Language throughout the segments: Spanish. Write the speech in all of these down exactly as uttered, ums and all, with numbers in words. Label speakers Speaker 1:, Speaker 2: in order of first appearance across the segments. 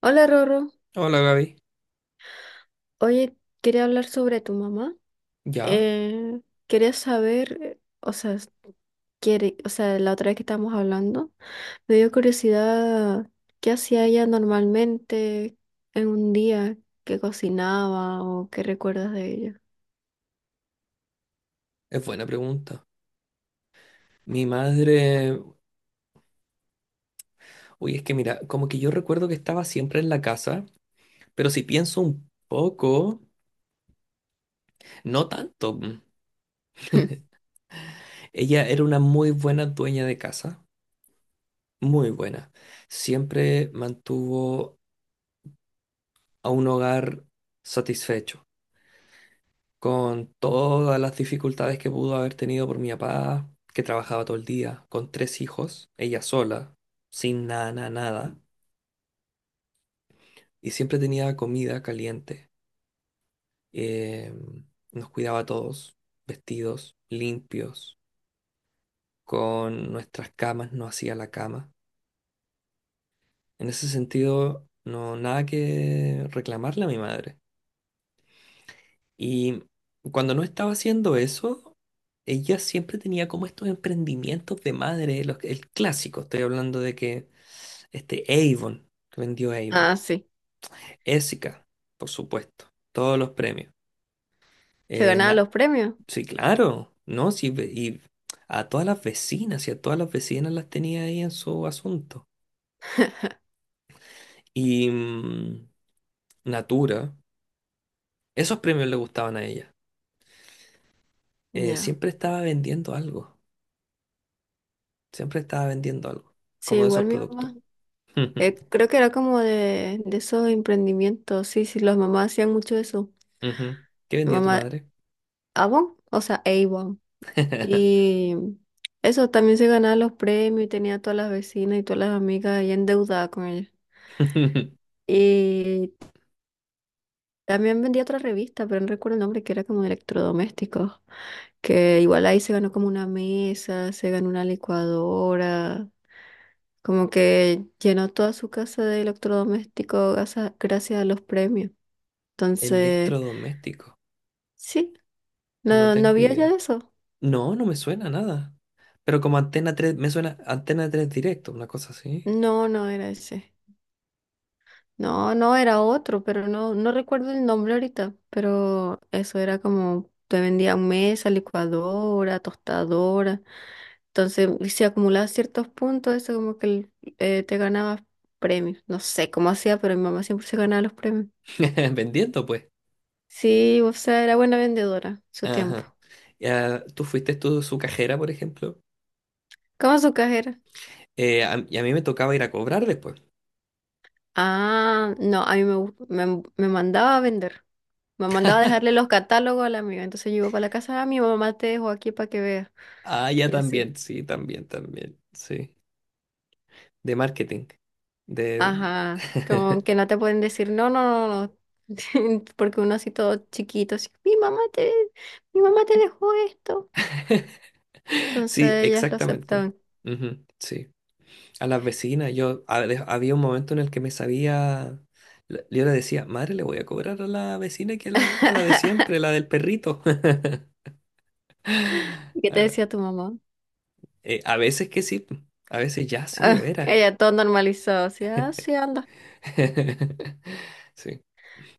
Speaker 1: Hola Rorro,
Speaker 2: Hola Gaby,
Speaker 1: oye, quería hablar sobre tu mamá.
Speaker 2: ya,
Speaker 1: Eh, quería saber, eh, o sea, s- quiere, o sea, la otra vez que estábamos hablando, me dio curiosidad qué hacía ella normalmente en un día, qué cocinaba o qué recuerdas de ella.
Speaker 2: es buena pregunta. Mi madre, uy, es que mira, como que yo recuerdo que estaba siempre en la casa, pero si pienso un poco, no tanto. mm. Ella era una muy buena dueña de casa, muy buena. Siempre mantuvo a un hogar satisfecho, con todas las dificultades que pudo haber tenido por mi papá, que trabajaba todo el día, con tres hijos, ella sola, sin nada, nada, nada, y siempre tenía comida caliente, eh, nos cuidaba a todos, vestidos, limpios, con nuestras camas, no hacía la cama. En ese sentido, no, nada que reclamarle a mi madre. Y cuando no estaba haciendo eso, ella siempre tenía como estos emprendimientos de madre, los- el clásico, estoy hablando de que este Avon, que vendió Avon,
Speaker 1: Ah, sí,
Speaker 2: Essica, por supuesto, todos los premios.
Speaker 1: se ganaba los premios.
Speaker 2: Sí, claro, ¿no? Sí, ve- y a todas las vecinas, y a todas las vecinas las tenía ahí en su asunto. Y mm, Natura, esos premios le gustaban a ella. Eh,
Speaker 1: Ya.
Speaker 2: siempre estaba vendiendo algo, siempre estaba vendiendo algo,
Speaker 1: Sí,
Speaker 2: como de esos
Speaker 1: igual mi
Speaker 2: productos.
Speaker 1: mamá. Eh, creo que era como de, de esos emprendimientos, sí, sí, las mamás hacían mucho eso.
Speaker 2: Ujú. ¿Qué
Speaker 1: Mi
Speaker 2: vendía tu
Speaker 1: mamá,
Speaker 2: madre?
Speaker 1: Avon, o sea, Avon. Y eso, también se ganaba los premios y tenía a todas las vecinas y todas las amigas ahí endeudadas con ella. Y también vendía otra revista, pero no recuerdo el nombre, que era como de electrodomésticos. Que igual ahí se ganó como una mesa, se ganó una licuadora. Como que llenó toda su casa de electrodomésticos gasa- gracias a los premios. Entonces,
Speaker 2: Electrodoméstico,
Speaker 1: sí,
Speaker 2: no
Speaker 1: no, no
Speaker 2: tengo
Speaker 1: había ya
Speaker 2: idea.
Speaker 1: eso.
Speaker 2: No, no me suena nada. Pero como Antena tres, me suena Antena tres directo, una cosa así.
Speaker 1: No, no era ese. No, no, era otro, pero no, no recuerdo el nombre ahorita, pero eso era como, te vendía mesa, licuadora, tostadora, entonces si acumulabas ciertos puntos, eso como que el- eh, te ganabas premios, no sé cómo hacía, pero mi mamá siempre se ganaba los premios.
Speaker 2: Vendiendo, pues.
Speaker 1: Sí, o sea, era buena vendedora, su tiempo.
Speaker 2: Ajá. Ya, tú fuiste tú su cajera, por ejemplo.
Speaker 1: ¿Cómo su cajera?
Speaker 2: Eh, a- y a mí me tocaba ir a cobrar después.
Speaker 1: Ah, no, a mí me, gu- me, me mandaba a vender. Me mandaba a dejarle los catálogos a la amiga. Entonces yo iba para la casa, ah, mi mamá te dejó aquí para que veas.
Speaker 2: Ah, ya
Speaker 1: Y así.
Speaker 2: también, sí, también, también, sí. De marketing. De...
Speaker 1: Ajá, como que no te pueden decir, no, no, no, no, porque uno así todo chiquito, así, mi mamá te, mi mamá te dejó esto.
Speaker 2: Sí,
Speaker 1: Entonces ellas lo
Speaker 2: exactamente.
Speaker 1: aceptaban.
Speaker 2: Ujú, sí. A las vecinas, yo a- de- había un momento en el que me sabía, le- yo le decía, madre, le voy a cobrar a la vecina que a la vuelta, la de siempre, la del perrito.
Speaker 1: ¿Y qué te
Speaker 2: Ah,
Speaker 1: decía tu mamá?
Speaker 2: eh, a veces que sí, a veces ya sí, de
Speaker 1: Ah,
Speaker 2: veras.
Speaker 1: ella todo normalizado, así, ah, sí, anda,
Speaker 2: Sí.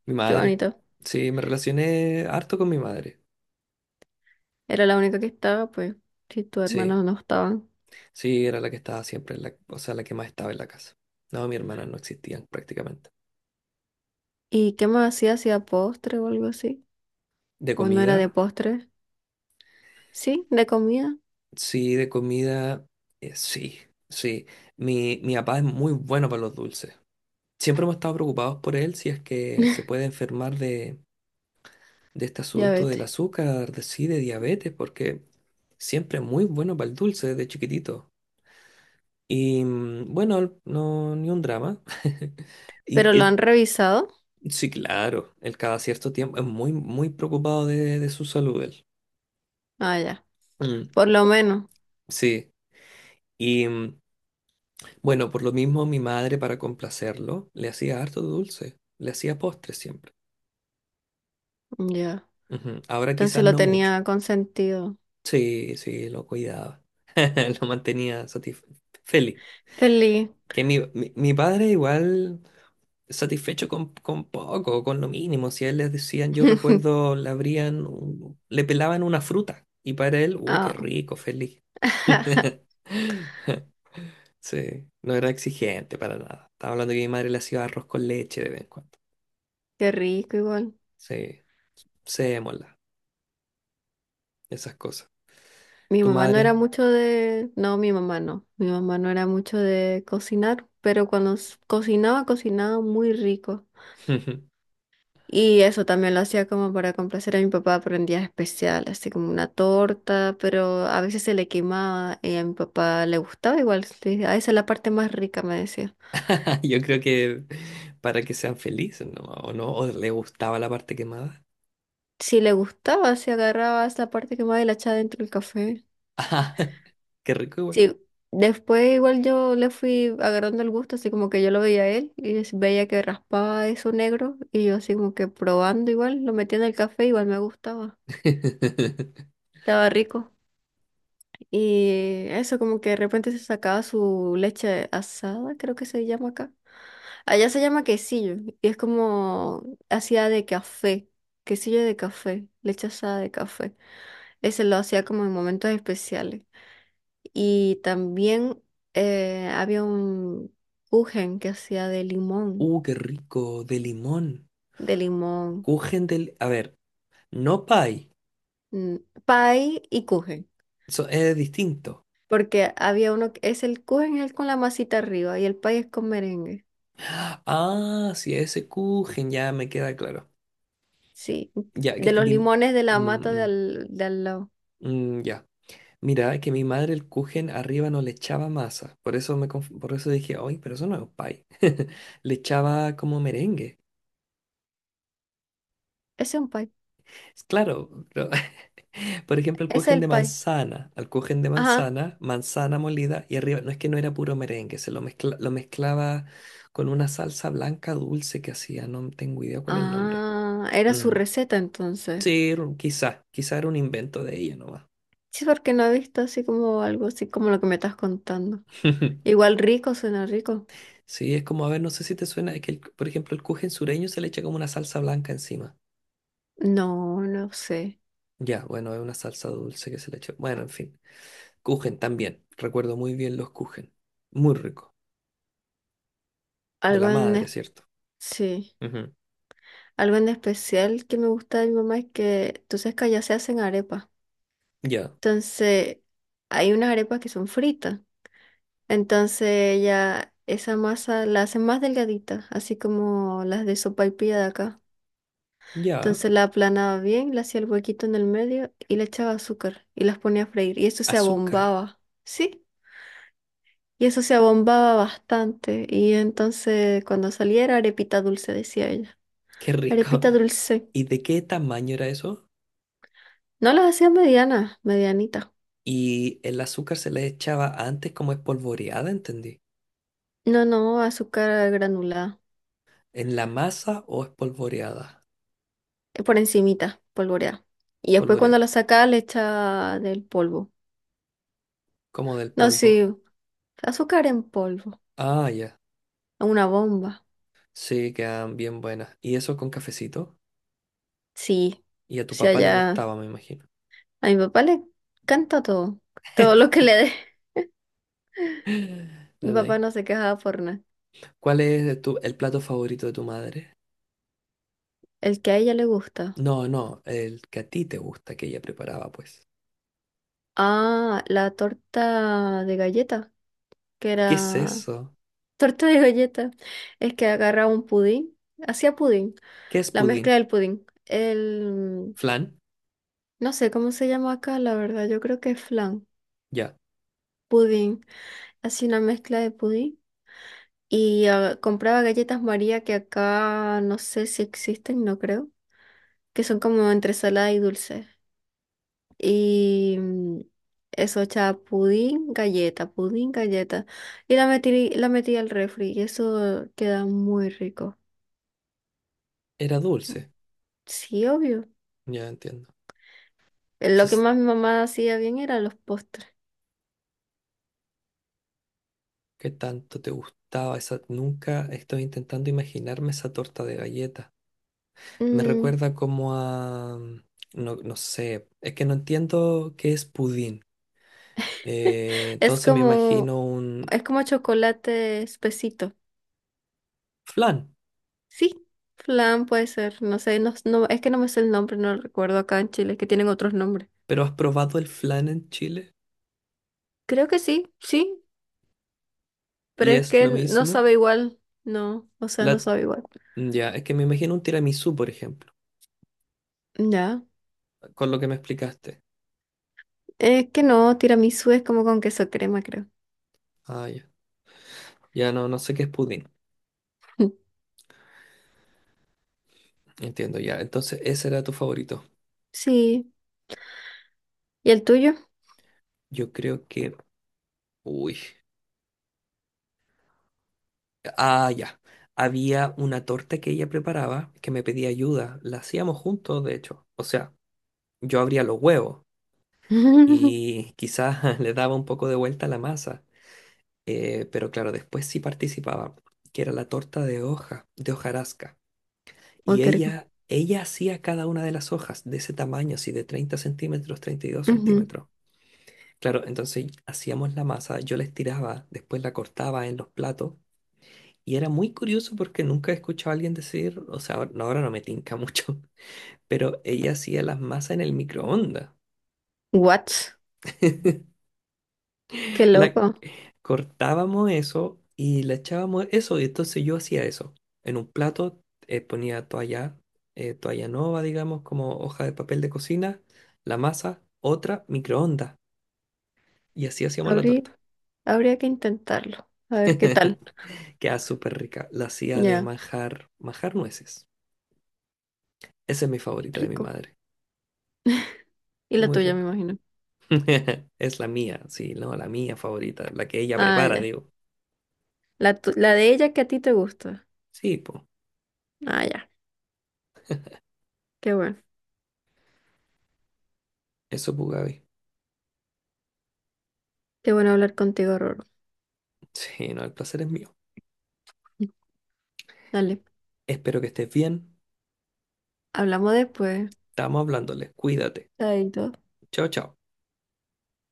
Speaker 2: Mi
Speaker 1: qué
Speaker 2: madre.
Speaker 1: bonito.
Speaker 2: Sí, me relacioné harto con mi madre.
Speaker 1: Era la única que estaba, pues, si tus
Speaker 2: Sí,
Speaker 1: hermanos no estaban.
Speaker 2: sí, era la que estaba siempre en la, o sea, la que más estaba en la casa. No, mi hermana no existían prácticamente.
Speaker 1: ¿Y qué más hacía? ¿Hacía postre o algo así?
Speaker 2: ¿De
Speaker 1: ¿O no era de
Speaker 2: comida?
Speaker 1: postre? Sí, de comida.
Speaker 2: Sí, de comida, eh, sí, sí. Mi, mi papá es muy bueno para los dulces. Siempre hemos estado preocupados por él si es que se puede enfermar de, de este
Speaker 1: Ya
Speaker 2: asunto del
Speaker 1: vete.
Speaker 2: azúcar, de sí, de diabetes, porque siempre es muy bueno para el dulce desde chiquitito. Y mm, bueno, no, ni un drama.
Speaker 1: ¿Pero
Speaker 2: Y,
Speaker 1: lo
Speaker 2: eh,
Speaker 1: han revisado?
Speaker 2: sí, claro, él cada cierto tiempo es muy, muy preocupado de, de su salud, él.
Speaker 1: Ah, ya.
Speaker 2: Mm,
Speaker 1: Por lo menos.
Speaker 2: sí. Y mm, bueno, por lo mismo mi madre, para complacerlo, le hacía harto dulce, le hacía postres siempre.
Speaker 1: Ya.
Speaker 2: Ujú, ahora
Speaker 1: Entonces
Speaker 2: quizás
Speaker 1: lo
Speaker 2: no mucho.
Speaker 1: tenía consentido.
Speaker 2: Sí, sí, lo cuidaba. Lo mantenía satisf- feliz.
Speaker 1: Feliz.
Speaker 2: Que mi, mi, mi padre igual satisfecho con, con poco, con lo mínimo. Si a él les decían, yo recuerdo, le abrían, un- le pelaban una fruta. Y para él, uh, qué
Speaker 1: Ah,
Speaker 2: rico, feliz. Sí, no era exigente para nada. Estaba hablando que mi madre le hacía arroz con leche de vez en cuando.
Speaker 1: qué rico igual.
Speaker 2: Sí, sémola, esas cosas.
Speaker 1: Mi
Speaker 2: ¿Tu
Speaker 1: mamá no era
Speaker 2: madre?
Speaker 1: mucho de... No, mi mamá no. Mi mamá no era mucho de cocinar, pero cuando s- cocinaba, cocinaba muy rico. Y eso también lo hacía como para complacer a mi papá por en días especiales así como una torta, pero a veces se le quemaba y a mi papá le gustaba igual. Sí, "Ah, esa es la parte más rica", me decía.
Speaker 2: Yo creo que para que sean felices, ¿no? ¿O no? ¿O le gustaba la parte quemada?
Speaker 1: Si le gustaba, se agarraba esa parte quemada y la echaba dentro del café.
Speaker 2: Qué rico, igual.
Speaker 1: Sí, después igual yo le fui agarrando el gusto, así como que yo lo veía a él y es- veía que raspaba eso negro y yo así como que probando igual, lo metía en el café, igual me gustaba, estaba rico. Y eso como que de repente se sacaba su leche asada, creo que se llama acá. Allá se llama quesillo y es como hacía de café, quesillo de café, leche asada de café. Ese lo hacía como en momentos especiales. Y también eh, había un kuchen que hacía de limón,
Speaker 2: Uh, qué rico, de limón.
Speaker 1: de limón,
Speaker 2: Kuchen del... A ver, no pie.
Speaker 1: mm, pie y kuchen.
Speaker 2: Eso es distinto.
Speaker 1: Porque había uno, que es el kuchen es el con la masita arriba y el pie es con merengue.
Speaker 2: Ah, sí, ese Kuchen ya me queda claro.
Speaker 1: Sí,
Speaker 2: Ya,
Speaker 1: de
Speaker 2: que
Speaker 1: los
Speaker 2: mi... mm,
Speaker 1: limones de la mata de
Speaker 2: mm,
Speaker 1: al, de al lado.
Speaker 2: mm, ya. Mira, que mi madre el Kuchen arriba no le echaba masa. Por eso me conf- por eso dije, oye, pero eso no es pie. Le echaba como merengue.
Speaker 1: Ese es un pie,
Speaker 2: Claro, pero Por ejemplo, el
Speaker 1: ese es
Speaker 2: kuchen
Speaker 1: el
Speaker 2: de
Speaker 1: pie.
Speaker 2: manzana. Al kuchen de
Speaker 1: Ajá.
Speaker 2: manzana, manzana molida y arriba, no es que no era puro merengue, se lo, mezcla- lo mezclaba con una salsa blanca dulce que hacía, no tengo idea cuál es el nombre.
Speaker 1: Ah, era su
Speaker 2: Mm.
Speaker 1: receta entonces.
Speaker 2: Sí, era un- quizá, quizá era un invento de ella nomás.
Speaker 1: Sí, porque no he visto así como algo así como lo que me estás contando. Igual rico, suena rico.
Speaker 2: Sí, es como, a ver, no sé si te suena, es que, el- por ejemplo, el kuchen sureño se le echa como una salsa blanca encima.
Speaker 1: No, no sé.
Speaker 2: Ya, bueno, es una salsa dulce que se le echa. Bueno, en fin. Kuchen también. Recuerdo muy bien los kuchen. Muy rico. De la
Speaker 1: Algo
Speaker 2: madre,
Speaker 1: en
Speaker 2: ¿cierto?
Speaker 1: sí,
Speaker 2: Ujú.
Speaker 1: algo en especial que me gusta de mi mamá es que, tú sabes que allá se hacen arepas.
Speaker 2: Ya.
Speaker 1: Entonces, hay unas arepas que son fritas. Entonces, ella esa masa la hace más delgadita, así como las de sopaipilla de acá.
Speaker 2: Ya,
Speaker 1: Entonces, la aplanaba bien, le hacía el huequito en el medio y le echaba azúcar y las ponía a freír. Y eso se
Speaker 2: azúcar,
Speaker 1: abombaba, ¿sí? Y eso se abombaba bastante. Y entonces, cuando salía era arepita dulce, decía ella.
Speaker 2: qué rico.
Speaker 1: Arepita dulce.
Speaker 2: ¿Y de qué tamaño era eso?
Speaker 1: No las hacía medianas, medianitas.
Speaker 2: Y el azúcar se le echaba antes como espolvoreada, entendí.
Speaker 1: No, no, azúcar granulada,
Speaker 2: ¿En la masa o espolvoreada?
Speaker 1: eh, por encimita, polvoreada. Y después cuando la
Speaker 2: Polvoreada,
Speaker 1: saca le echa del polvo.
Speaker 2: como del
Speaker 1: No,
Speaker 2: polvo.
Speaker 1: sí, azúcar en polvo,
Speaker 2: Ah, ya.
Speaker 1: a una bomba.
Speaker 2: Sí, quedan bien buenas. ¿Y eso con cafecito?
Speaker 1: Sí,
Speaker 2: Y a tu
Speaker 1: si
Speaker 2: papá le
Speaker 1: allá
Speaker 2: gustaba, me imagino.
Speaker 1: a mi papá le canta todo, todo lo que le dé. Mi
Speaker 2: Ven
Speaker 1: papá
Speaker 2: ahí.
Speaker 1: no se quejaba por nada.
Speaker 2: ¿Cuál es tu- el plato favorito de tu madre?
Speaker 1: El que a ella le gusta.
Speaker 2: No, no, el que a ti te gusta que ella preparaba, pues.
Speaker 1: Ah, la torta de galleta, que
Speaker 2: ¿Qué es
Speaker 1: era
Speaker 2: eso?
Speaker 1: torta de galleta. Es que agarraba un pudín, hacía pudín,
Speaker 2: ¿Qué es
Speaker 1: la mezcla
Speaker 2: pudín?
Speaker 1: del pudín. El
Speaker 2: ¿Flan?
Speaker 1: no sé cómo se llama acá, la verdad. Yo creo que es flan,
Speaker 2: Ya.
Speaker 1: pudín, así una mezcla de pudín. Y ah, compraba galletas María que acá no sé si existen, no creo, que son como entre salada y dulce. Y mm, eso, echaba pudín, galleta, pudín, galleta. Y la metí, la metí al refri y eso queda muy rico.
Speaker 2: Era dulce.
Speaker 1: Sí, obvio.
Speaker 2: Ya entiendo.
Speaker 1: Eh, Lo que
Speaker 2: Entonces,
Speaker 1: más mi mamá hacía bien eran los postres.
Speaker 2: ¿qué tanto te gustaba esa? Nunca estoy intentando imaginarme esa torta de galleta. Me
Speaker 1: Mm,
Speaker 2: recuerda como a... mm, no, no sé, es que no entiendo qué es pudín. Eh,
Speaker 1: es
Speaker 2: entonces me
Speaker 1: como,
Speaker 2: imagino un
Speaker 1: es como chocolate espesito.
Speaker 2: flan.
Speaker 1: Sí, flan puede ser, no sé, no, no- es que no me sé el nombre, no lo recuerdo acá en Chile, es que tienen otros nombres.
Speaker 2: ¿Pero has probado el flan en Chile?
Speaker 1: Creo que sí, sí, pero
Speaker 2: ¿Y
Speaker 1: es
Speaker 2: es
Speaker 1: que
Speaker 2: lo
Speaker 1: no
Speaker 2: mismo?
Speaker 1: sabe igual, no, o sea, no
Speaker 2: La...
Speaker 1: sabe igual.
Speaker 2: mm, Ya, es que me imagino un tiramisú, por ejemplo,
Speaker 1: Ya,
Speaker 2: con lo que me explicaste.
Speaker 1: es que no, tiramisú es como con queso crema, creo.
Speaker 2: Ah, ya. Ya no, no sé qué es pudín. Entiendo, ya. Entonces, ese era tu favorito.
Speaker 1: Sí, ¿y el tuyo?
Speaker 2: Yo creo que... Uy. Ah, ya. Había una torta que ella preparaba que me pedía ayuda. La hacíamos juntos, de hecho. O sea, yo abría los huevos
Speaker 1: Uy,
Speaker 2: y quizás le daba un poco de vuelta a la masa. Eh, pero claro, después sí participaba, que era la torta de hoja, de hojarasca. Y
Speaker 1: qué rico.
Speaker 2: ella, ella hacía cada una de las hojas de ese tamaño, así de treinta centímetros, treinta y dos
Speaker 1: Ujú.
Speaker 2: centímetros. Claro, entonces hacíamos la masa, yo la estiraba, después la cortaba en los platos. Y era muy curioso porque nunca he escuchado a alguien decir, o sea, ahora no ahora no me tinca mucho, pero ella hacía las masas en el microondas.
Speaker 1: What? Qué
Speaker 2: La
Speaker 1: loco.
Speaker 2: cortábamos eso y la echábamos eso, y entonces yo hacía eso. En un plato, eh, ponía toalla, eh, toalla nova, digamos, como hoja de papel de cocina, la masa, otra, microondas. Y así hacíamos la
Speaker 1: Habría,
Speaker 2: torta.
Speaker 1: habría que intentarlo, a ver qué tal.
Speaker 2: Queda súper rica. La hacía de
Speaker 1: Ya,
Speaker 2: manjar, manjar nueces. Esa es mi favorita de mi
Speaker 1: rico.
Speaker 2: madre.
Speaker 1: Y la
Speaker 2: Muy
Speaker 1: tuya, me
Speaker 2: rico.
Speaker 1: imagino.
Speaker 2: Es la mía, sí, no, la mía favorita, la que ella
Speaker 1: Ah,
Speaker 2: prepara,
Speaker 1: ya.
Speaker 2: digo.
Speaker 1: La, tu- la de ella que a ti te gusta.
Speaker 2: Sí, pues,
Speaker 1: Ah, ya. Qué bueno.
Speaker 2: eso, pues, Gaby.
Speaker 1: Qué bueno hablar contigo, Roro.
Speaker 2: Sí, no, el placer es mío.
Speaker 1: Dale.
Speaker 2: Espero que estés bien.
Speaker 1: Hablamos después.
Speaker 2: Estamos hablándole. Cuídate.
Speaker 1: Chaito.
Speaker 2: Chao, chao.